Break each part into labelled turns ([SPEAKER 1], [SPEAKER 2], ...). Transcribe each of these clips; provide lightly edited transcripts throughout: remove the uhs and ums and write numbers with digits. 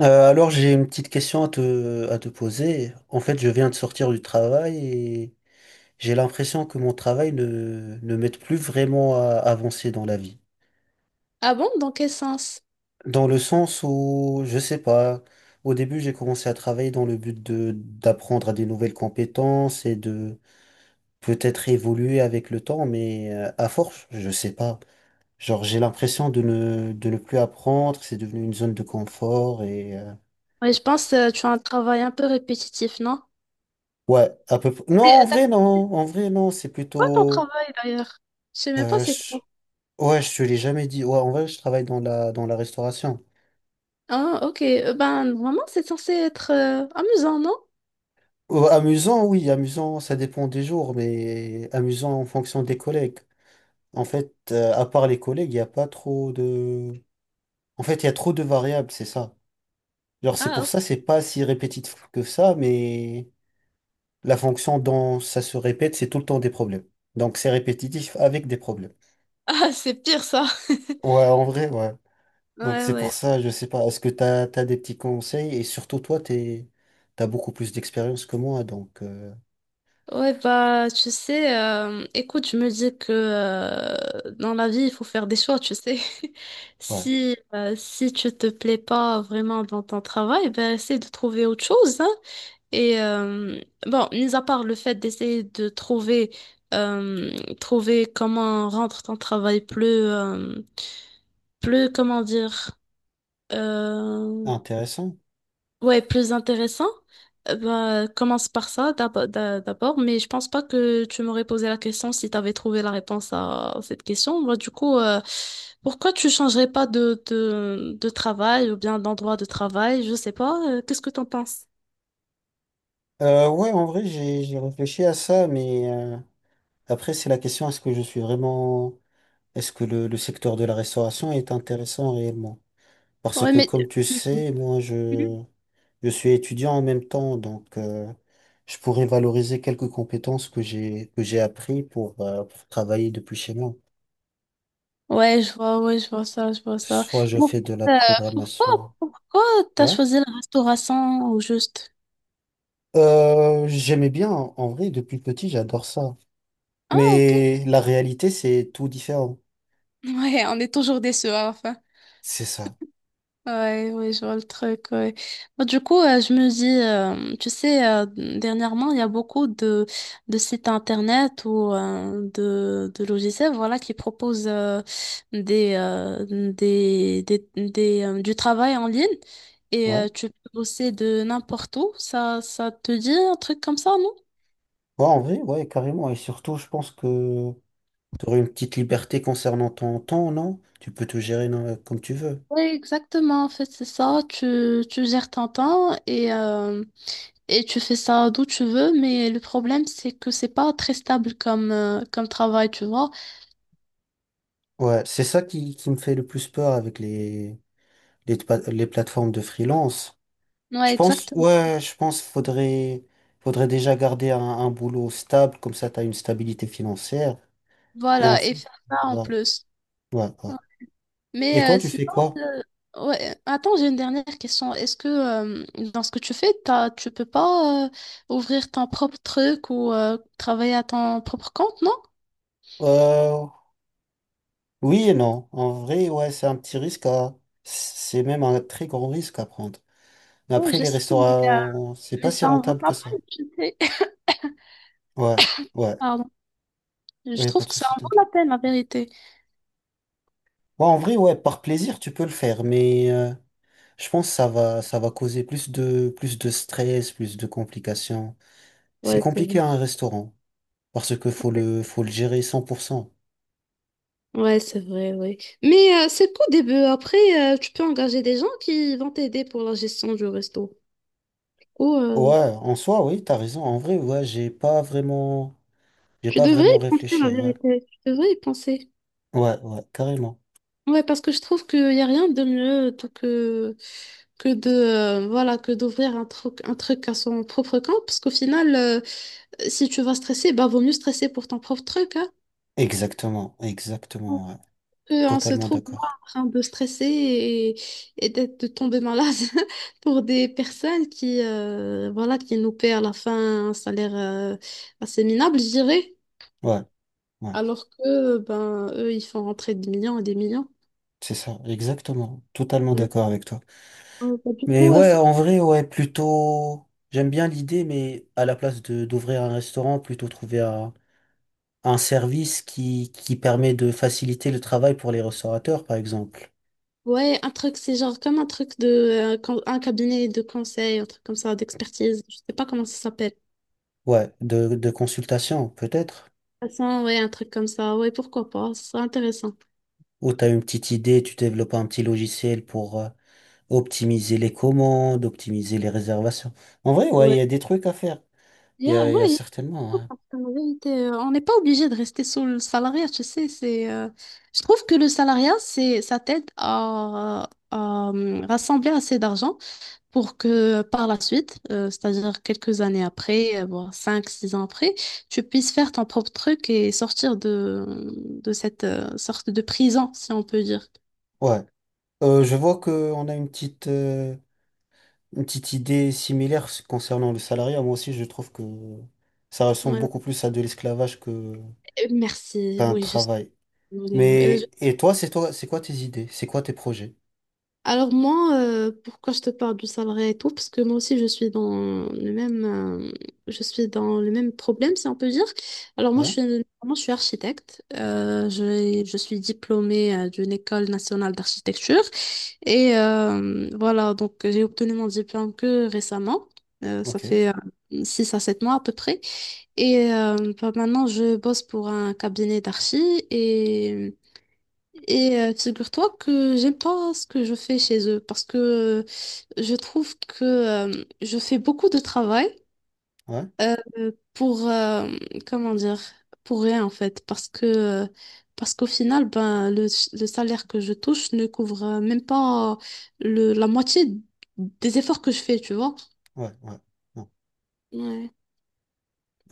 [SPEAKER 1] Alors j'ai une petite question à te poser. En fait, je viens de sortir du travail et j'ai l'impression que mon travail ne m'aide plus vraiment à avancer dans la vie.
[SPEAKER 2] Ah bon? Dans quel sens?
[SPEAKER 1] Dans le sens où, je sais pas, au début j'ai commencé à travailler dans le but de d'apprendre à des nouvelles compétences et de peut-être évoluer avec le temps, mais à force, je sais pas. Genre j'ai l'impression de ne plus apprendre, c'est devenu une zone de confort.
[SPEAKER 2] Oui, je pense que tu as un travail un peu répétitif, non?
[SPEAKER 1] Ouais, à peu près. Non, en
[SPEAKER 2] T'as fait
[SPEAKER 1] vrai, non. En vrai, non, c'est
[SPEAKER 2] quoi ton
[SPEAKER 1] plutôt.
[SPEAKER 2] travail d'ailleurs? Je sais même pas
[SPEAKER 1] euh,
[SPEAKER 2] c'est
[SPEAKER 1] je-
[SPEAKER 2] quoi.
[SPEAKER 1] Ouais, je te l'ai jamais dit. Ouais, en vrai, je travaille dans la restauration.
[SPEAKER 2] Ah, ok. Ben, vraiment, c'est censé être amusant, non?
[SPEAKER 1] Amusant, oui, amusant, ça dépend des jours, mais amusant en fonction des collègues. En fait, à part les collègues, il n'y a pas trop de. En fait, il y a trop de variables, c'est ça. Genre, c'est
[SPEAKER 2] Ah,
[SPEAKER 1] pour
[SPEAKER 2] ok.
[SPEAKER 1] ça, c'est pas si répétitif que ça, mais la fonction dont ça se répète, c'est tout le temps des problèmes. Donc, c'est répétitif avec des problèmes.
[SPEAKER 2] Ah, c'est pire ça.
[SPEAKER 1] Ouais, en vrai, ouais. Donc
[SPEAKER 2] Ouais,
[SPEAKER 1] c'est pour
[SPEAKER 2] ouais.
[SPEAKER 1] ça, je sais pas, est-ce que t'as des petits conseils? Et surtout toi, t'as beaucoup plus d'expérience que moi, donc
[SPEAKER 2] Ouais, bah, tu sais, écoute, je me dis que dans la vie, il faut faire des choix, tu sais.
[SPEAKER 1] ouais,
[SPEAKER 2] Si tu te plais pas vraiment dans ton travail, ben, essaie de trouver autre chose, hein. Et euh, bon, mis à part le fait d'essayer de trouver, euh, trouver comment rendre ton travail plus, plus, comment dire, euh,
[SPEAKER 1] intéressant.
[SPEAKER 2] ouais, plus intéressant, bah, commence par ça d'abord, mais je pense pas que tu m'aurais posé la question si tu avais trouvé la réponse à cette question. Bah, du coup, pourquoi tu changerais pas de travail ou bien d'endroit de travail? Je sais pas, qu'est-ce que t'en penses?
[SPEAKER 1] Ouais, en vrai, j'ai réfléchi à ça, mais après c'est la question, est-ce que je suis vraiment, est-ce que le secteur de la restauration est intéressant réellement? Parce
[SPEAKER 2] Ouais,
[SPEAKER 1] que
[SPEAKER 2] mais
[SPEAKER 1] comme tu sais,
[SPEAKER 2] mhm.
[SPEAKER 1] je suis étudiant en même temps, donc je pourrais valoriser quelques compétences que j'ai appris pour travailler depuis chez moi.
[SPEAKER 2] Ouais, je vois ça, je vois ça.
[SPEAKER 1] Soit je
[SPEAKER 2] Mais en
[SPEAKER 1] fais de la
[SPEAKER 2] fait, pourquoi,
[SPEAKER 1] programmation.
[SPEAKER 2] pourquoi t'as
[SPEAKER 1] Ouais.
[SPEAKER 2] choisi la restauration au juste?
[SPEAKER 1] J'aimais bien, en vrai, depuis petit, j'adore ça.
[SPEAKER 2] Ah, ok.
[SPEAKER 1] Mais la réalité, c'est tout différent.
[SPEAKER 2] Ouais, on est toujours déçus à la fin.
[SPEAKER 1] C'est ça.
[SPEAKER 2] Ouais, ouais, je vois le truc, ouais. Bah, du coup, je me dis, tu sais, dernièrement, il y a beaucoup de sites internet ou de logiciels, voilà, qui proposent des, euh, du travail en ligne et
[SPEAKER 1] Ouais.
[SPEAKER 2] tu peux bosser de n'importe où. Ça te dit un truc comme ça, non?
[SPEAKER 1] Ouais, en vrai, ouais, carrément. Et surtout, je pense que tu aurais une petite liberté concernant ton temps, non? Tu peux te gérer non, comme tu veux.
[SPEAKER 2] Oui, exactement, en fait, c'est ça. Tu gères ton temps et tu fais ça d'où tu veux, mais le problème, c'est que c'est pas très stable comme, comme travail, tu vois.
[SPEAKER 1] Ouais, c'est ça qui me fait le plus peur avec les plateformes de freelance.
[SPEAKER 2] Ouais,
[SPEAKER 1] Je pense,
[SPEAKER 2] exactement.
[SPEAKER 1] ouais, je pense faudrait déjà garder un boulot stable, comme ça tu as une stabilité financière. Et
[SPEAKER 2] Voilà, et
[SPEAKER 1] ensuite,
[SPEAKER 2] faire ça en
[SPEAKER 1] ouais,
[SPEAKER 2] plus.
[SPEAKER 1] ouais.
[SPEAKER 2] Ouais.
[SPEAKER 1] Et
[SPEAKER 2] Mais
[SPEAKER 1] toi,
[SPEAKER 2] euh,
[SPEAKER 1] tu fais
[SPEAKER 2] sinon,
[SPEAKER 1] quoi?
[SPEAKER 2] euh, ouais. Attends, j'ai une dernière question. Est-ce que dans ce que tu fais, t'as, tu peux pas ouvrir ton propre truc ou travailler à ton propre compte, non?
[SPEAKER 1] Euh, oui et non. En vrai, ouais, c'est un petit risque à... C'est même un très grand risque à prendre. Mais
[SPEAKER 2] Oui,
[SPEAKER 1] après,
[SPEAKER 2] je
[SPEAKER 1] les
[SPEAKER 2] sais,
[SPEAKER 1] restaurants, c'est pas
[SPEAKER 2] mais
[SPEAKER 1] si
[SPEAKER 2] ça en vaut
[SPEAKER 1] rentable
[SPEAKER 2] la
[SPEAKER 1] que ça.
[SPEAKER 2] peine, tu sais.
[SPEAKER 1] Ouais, ouais,
[SPEAKER 2] Pardon. Je
[SPEAKER 1] ouais, pas
[SPEAKER 2] trouve
[SPEAKER 1] de
[SPEAKER 2] que ça
[SPEAKER 1] souci,
[SPEAKER 2] en vaut
[SPEAKER 1] t'inquiète.
[SPEAKER 2] la peine, la vérité.
[SPEAKER 1] Ouais, en vrai, ouais, par plaisir, tu peux le faire, mais je pense que ça va causer plus de stress, plus de complications. C'est
[SPEAKER 2] Ouais, c'est vrai.
[SPEAKER 1] compliqué à un restaurant, parce que faut le gérer 100%.
[SPEAKER 2] Ouais, c'est vrai, oui. Mais c'est qu'au début. Après, tu peux engager des gens qui vont t'aider pour la gestion du resto. Ou
[SPEAKER 1] Ouais, en soi, oui, t'as raison. En vrai, ouais, j'ai pas vraiment... J'ai
[SPEAKER 2] tu
[SPEAKER 1] pas
[SPEAKER 2] devrais
[SPEAKER 1] vraiment
[SPEAKER 2] y penser, la
[SPEAKER 1] réfléchi, ouais.
[SPEAKER 2] vérité. Tu devrais y penser.
[SPEAKER 1] Ouais, ouais, carrément.
[SPEAKER 2] Ouais, parce que je trouve qu'il n'y a rien de mieux tout que de voilà que d'ouvrir un truc à son propre compte. Parce qu'au final, si tu vas stresser, bah vaut mieux stresser pour ton propre truc, hein.
[SPEAKER 1] Exactement, exactement, ouais.
[SPEAKER 2] On se
[SPEAKER 1] Totalement
[SPEAKER 2] trouve là
[SPEAKER 1] d'accord.
[SPEAKER 2] en train de stresser et d'être de tomber malade pour des personnes qui, voilà, qui nous paient à la fin un salaire assez minable, je dirais,
[SPEAKER 1] Ouais, ouais,
[SPEAKER 2] alors que ben, eux, ils font rentrer des millions et des millions.
[SPEAKER 1] c'est ça, exactement. Totalement
[SPEAKER 2] Ouais.
[SPEAKER 1] d'accord avec toi.
[SPEAKER 2] Bah, du
[SPEAKER 1] Mais
[SPEAKER 2] coup,
[SPEAKER 1] ouais,
[SPEAKER 2] ça-
[SPEAKER 1] en vrai, ouais, plutôt... J'aime bien l'idée, mais à la place de d'ouvrir un restaurant, plutôt trouver un service qui permet de faciliter le travail pour les restaurateurs, par exemple.
[SPEAKER 2] ouais, un truc, c'est genre comme un truc de un cabinet de conseil, un truc comme ça, d'expertise, je sais pas comment ça s'appelle.
[SPEAKER 1] Ouais, de consultation, peut-être.
[SPEAKER 2] De toute façon, ouais, un truc comme ça, ouais, pourquoi pas, ce serait intéressant.
[SPEAKER 1] Ou t'as une petite idée, tu développes un petit logiciel pour... optimiser les commandes, optimiser les réservations. En vrai, ouais, il
[SPEAKER 2] Ouais,
[SPEAKER 1] y a des trucs à faire. Il y a
[SPEAKER 2] ouais,
[SPEAKER 1] certainement.
[SPEAKER 2] parce qu'en vérité, on n'est pas obligé de rester sur le salariat, tu sais, c'est, je trouve que le salariat, c'est, ça t'aide à, rassembler assez d'argent pour que par la suite, c'est-à-dire quelques années après, voire 5 6 ans après, tu puisses faire ton propre truc et sortir de cette sorte de prison, si on peut dire.
[SPEAKER 1] Ouais. Ouais. Je vois qu'on a une une petite idée similaire concernant le salariat. Moi aussi, je trouve que ça ressemble
[SPEAKER 2] Ouais.
[SPEAKER 1] beaucoup plus à de l'esclavage que
[SPEAKER 2] Merci,
[SPEAKER 1] qu'à un
[SPEAKER 2] oui, je suis
[SPEAKER 1] travail.
[SPEAKER 2] désolée.
[SPEAKER 1] Mais, et toi, c'est quoi tes idées? C'est quoi tes projets?
[SPEAKER 2] Alors moi, pourquoi je te parle du salariat et tout, parce que moi aussi je suis dans le même, je suis dans le même problème, si on peut dire. Alors
[SPEAKER 1] Ouais?
[SPEAKER 2] moi, je suis architecte. Je suis diplômée d'une école nationale d'architecture et voilà, donc j'ai obtenu mon diplôme que récemment. Ça
[SPEAKER 1] Ok.
[SPEAKER 2] fait 6 à 7 mois à peu près. Et bah, maintenant, je bosse pour un cabinet d'archi et. Et figure-toi que j'aime pas ce que je fais chez eux parce que je trouve que je fais beaucoup de travail
[SPEAKER 1] Ouais?
[SPEAKER 2] euh, pour comment dire pour rien en fait parce que parce qu'au final ben le salaire que je touche ne couvre même pas le, la moitié des efforts que je fais tu vois.
[SPEAKER 1] Ouais, ouais.
[SPEAKER 2] Ouais.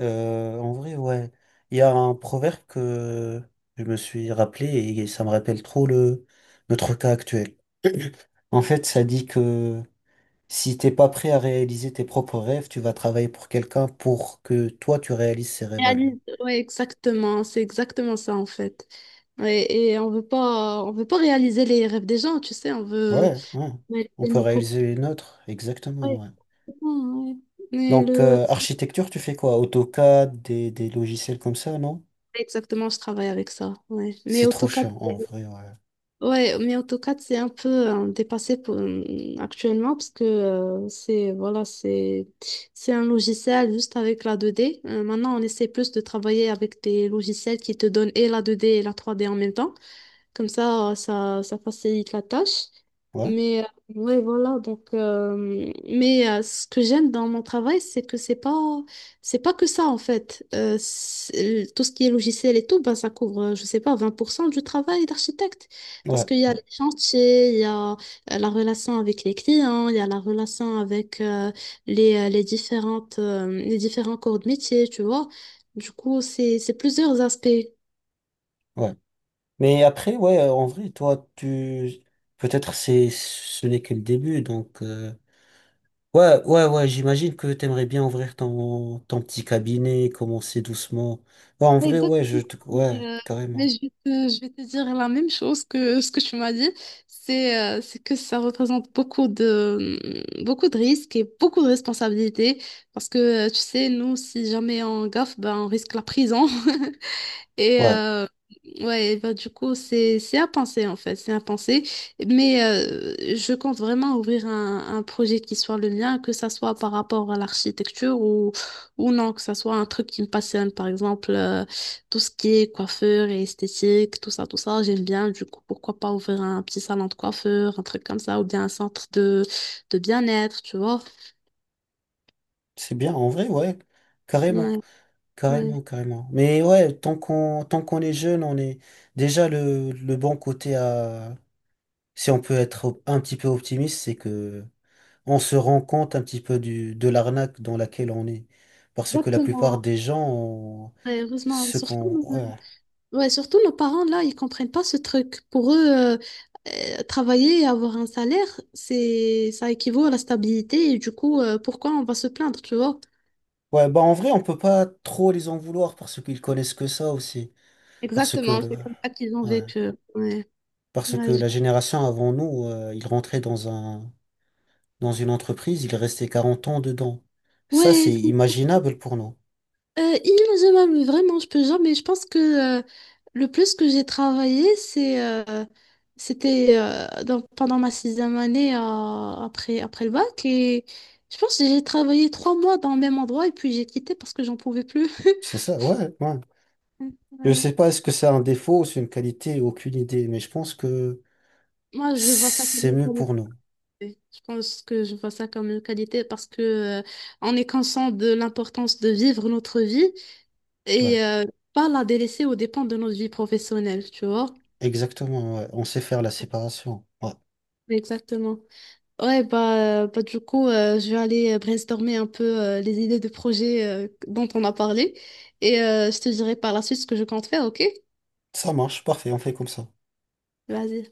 [SPEAKER 1] En vrai, ouais. Il y a un proverbe que je me suis rappelé et ça me rappelle trop notre cas actuel. En fait, ça dit que si t'es pas prêt à réaliser tes propres rêves, tu vas travailler pour quelqu'un pour que toi tu réalises ses rêves à lui.
[SPEAKER 2] Réalise- ouais, exactement, c'est exactement ça en fait. Ouais, et on veut pas réaliser les rêves des gens, tu sais, on veut,
[SPEAKER 1] Ouais, ouais.
[SPEAKER 2] mais
[SPEAKER 1] On
[SPEAKER 2] de
[SPEAKER 1] peut
[SPEAKER 2] nos propres.
[SPEAKER 1] réaliser les nôtres, exactement,
[SPEAKER 2] Ouais,
[SPEAKER 1] ouais.
[SPEAKER 2] ouais. Mais
[SPEAKER 1] Donc,
[SPEAKER 2] le...
[SPEAKER 1] architecture, tu fais quoi? AutoCAD, des logiciels comme ça, non?
[SPEAKER 2] Exactement, je travaille avec ça. Ouais. Mais
[SPEAKER 1] C'est trop
[SPEAKER 2] AutoCAD,
[SPEAKER 1] chiant, en vrai, ouais.
[SPEAKER 2] ouais, mais AutoCAD, c'est un peu dépassé pour, actuellement parce que c'est voilà, c'est un logiciel juste avec la deux d. Maintenant, on essaie plus de travailler avec des logiciels qui te donnent et la deux d et la trois d en même temps. Comme ça, ça, ça facilite la tâche.
[SPEAKER 1] Ouais?
[SPEAKER 2] Mais ouais, voilà. Donc, mais ce que j'aime dans mon travail, c'est que c'est pas que ça en fait. C'est- tout ce qui est logiciel et tout, ben, ça couvre, je sais pas, 20% du travail d'architecte. Parce
[SPEAKER 1] Ouais,
[SPEAKER 2] qu'il y a
[SPEAKER 1] ouais,
[SPEAKER 2] les chantiers, il y a la relation avec les clients, il y a la relation avec les différentes, les différents corps de métier, tu vois. Du coup, c'est plusieurs aspects.
[SPEAKER 1] ouais. Mais après, ouais, en vrai, toi, peut-être c'est, ce n'est que le début, donc, ouais, ouais, j'imagine que t'aimerais bien ouvrir ton petit cabinet, commencer doucement. Ouais, en
[SPEAKER 2] Ouais,
[SPEAKER 1] vrai, ouais,
[SPEAKER 2] exactement.
[SPEAKER 1] ouais,
[SPEAKER 2] Mais, euh, mais
[SPEAKER 1] carrément.
[SPEAKER 2] je vais te dire la même chose que ce que tu m'as dit, c'est que ça représente beaucoup de, mm, beaucoup de risques et beaucoup de responsabilités parce que, tu sais, nous, si jamais on gaffe, ben, on risque la prison. Et
[SPEAKER 1] Ouais,
[SPEAKER 2] ouais, bah, du coup, c'est à penser en fait, c'est à penser. Mais je compte vraiment ouvrir un projet qui soit le mien, que ça soit par rapport à l'architecture ou non, que ça soit un truc qui me passionne, par exemple, tout ce qui est coiffeur et esthétique, tout ça, j'aime bien. Du coup, pourquoi pas ouvrir un petit salon de coiffeur, un truc comme ça, ou bien un centre de bien-être, tu vois.
[SPEAKER 1] c'est bien, en vrai, ouais, carrément,
[SPEAKER 2] Ouais, ouais.
[SPEAKER 1] carrément. Mais ouais, tant qu'on est jeune, on est déjà le bon côté à, si on peut être un petit peu optimiste, c'est que on se rend compte un petit peu de l'arnaque dans laquelle on est. Parce que la plupart
[SPEAKER 2] Exactement.
[SPEAKER 1] des gens, ont-
[SPEAKER 2] Ouais, heureusement,
[SPEAKER 1] ce
[SPEAKER 2] surtout.
[SPEAKER 1] qu'on...
[SPEAKER 2] Euh,
[SPEAKER 1] Ouais.
[SPEAKER 2] ouais, surtout nos parents, là, ils comprennent pas ce truc. Pour eux, euh, travailler et avoir un salaire, c'est, ça équivaut à la stabilité. Et du coup, pourquoi on va se plaindre, tu vois?
[SPEAKER 1] Ouais, bah en vrai, on peut pas trop les en vouloir parce qu'ils connaissent que ça aussi. Parce que
[SPEAKER 2] Exactement,
[SPEAKER 1] le...
[SPEAKER 2] c'est comme ça qu'ils ont
[SPEAKER 1] ouais.
[SPEAKER 2] vécu. Ouais,
[SPEAKER 1] Parce que
[SPEAKER 2] ouais, je-
[SPEAKER 1] la génération avant nous, ils rentraient dans un... dans une entreprise, ils restaient 40 ans dedans. Ça,
[SPEAKER 2] ouais,
[SPEAKER 1] c'est
[SPEAKER 2] c'est-
[SPEAKER 1] imaginable pour nous.
[SPEAKER 2] inimaginable, mais vraiment, je peux jamais. Je pense que le plus que j'ai travaillé, c'est, c'était pendant ma sixième année après, après le bac. Et je pense que j'ai travaillé 3 mois dans le même endroit et puis j'ai quitté parce que j'en pouvais plus.
[SPEAKER 1] C'est ça, ouais, ouais. Je
[SPEAKER 2] Ouais.
[SPEAKER 1] sais pas est-ce que c'est un défaut ou c'est une qualité, aucune idée, mais je pense que
[SPEAKER 2] Moi, je vois ça comme
[SPEAKER 1] c'est
[SPEAKER 2] une
[SPEAKER 1] mieux pour
[SPEAKER 2] qualité.
[SPEAKER 1] nous.
[SPEAKER 2] Je pense que je vois ça comme une qualité parce que euh, on est conscient de l'importance de vivre notre vie
[SPEAKER 1] Ouais.
[SPEAKER 2] et pas la délaisser aux dépens de notre vie professionnelle, tu vois?
[SPEAKER 1] Exactement, ouais. On sait faire la séparation. Ouais.
[SPEAKER 2] Exactement. Ouais, bah, bah du coup, je vais aller brainstormer un peu les idées de projets dont on a parlé et je te dirai par la suite ce que je compte faire, ok?
[SPEAKER 1] Ça marche, parfait, on fait comme ça.
[SPEAKER 2] Vas-y.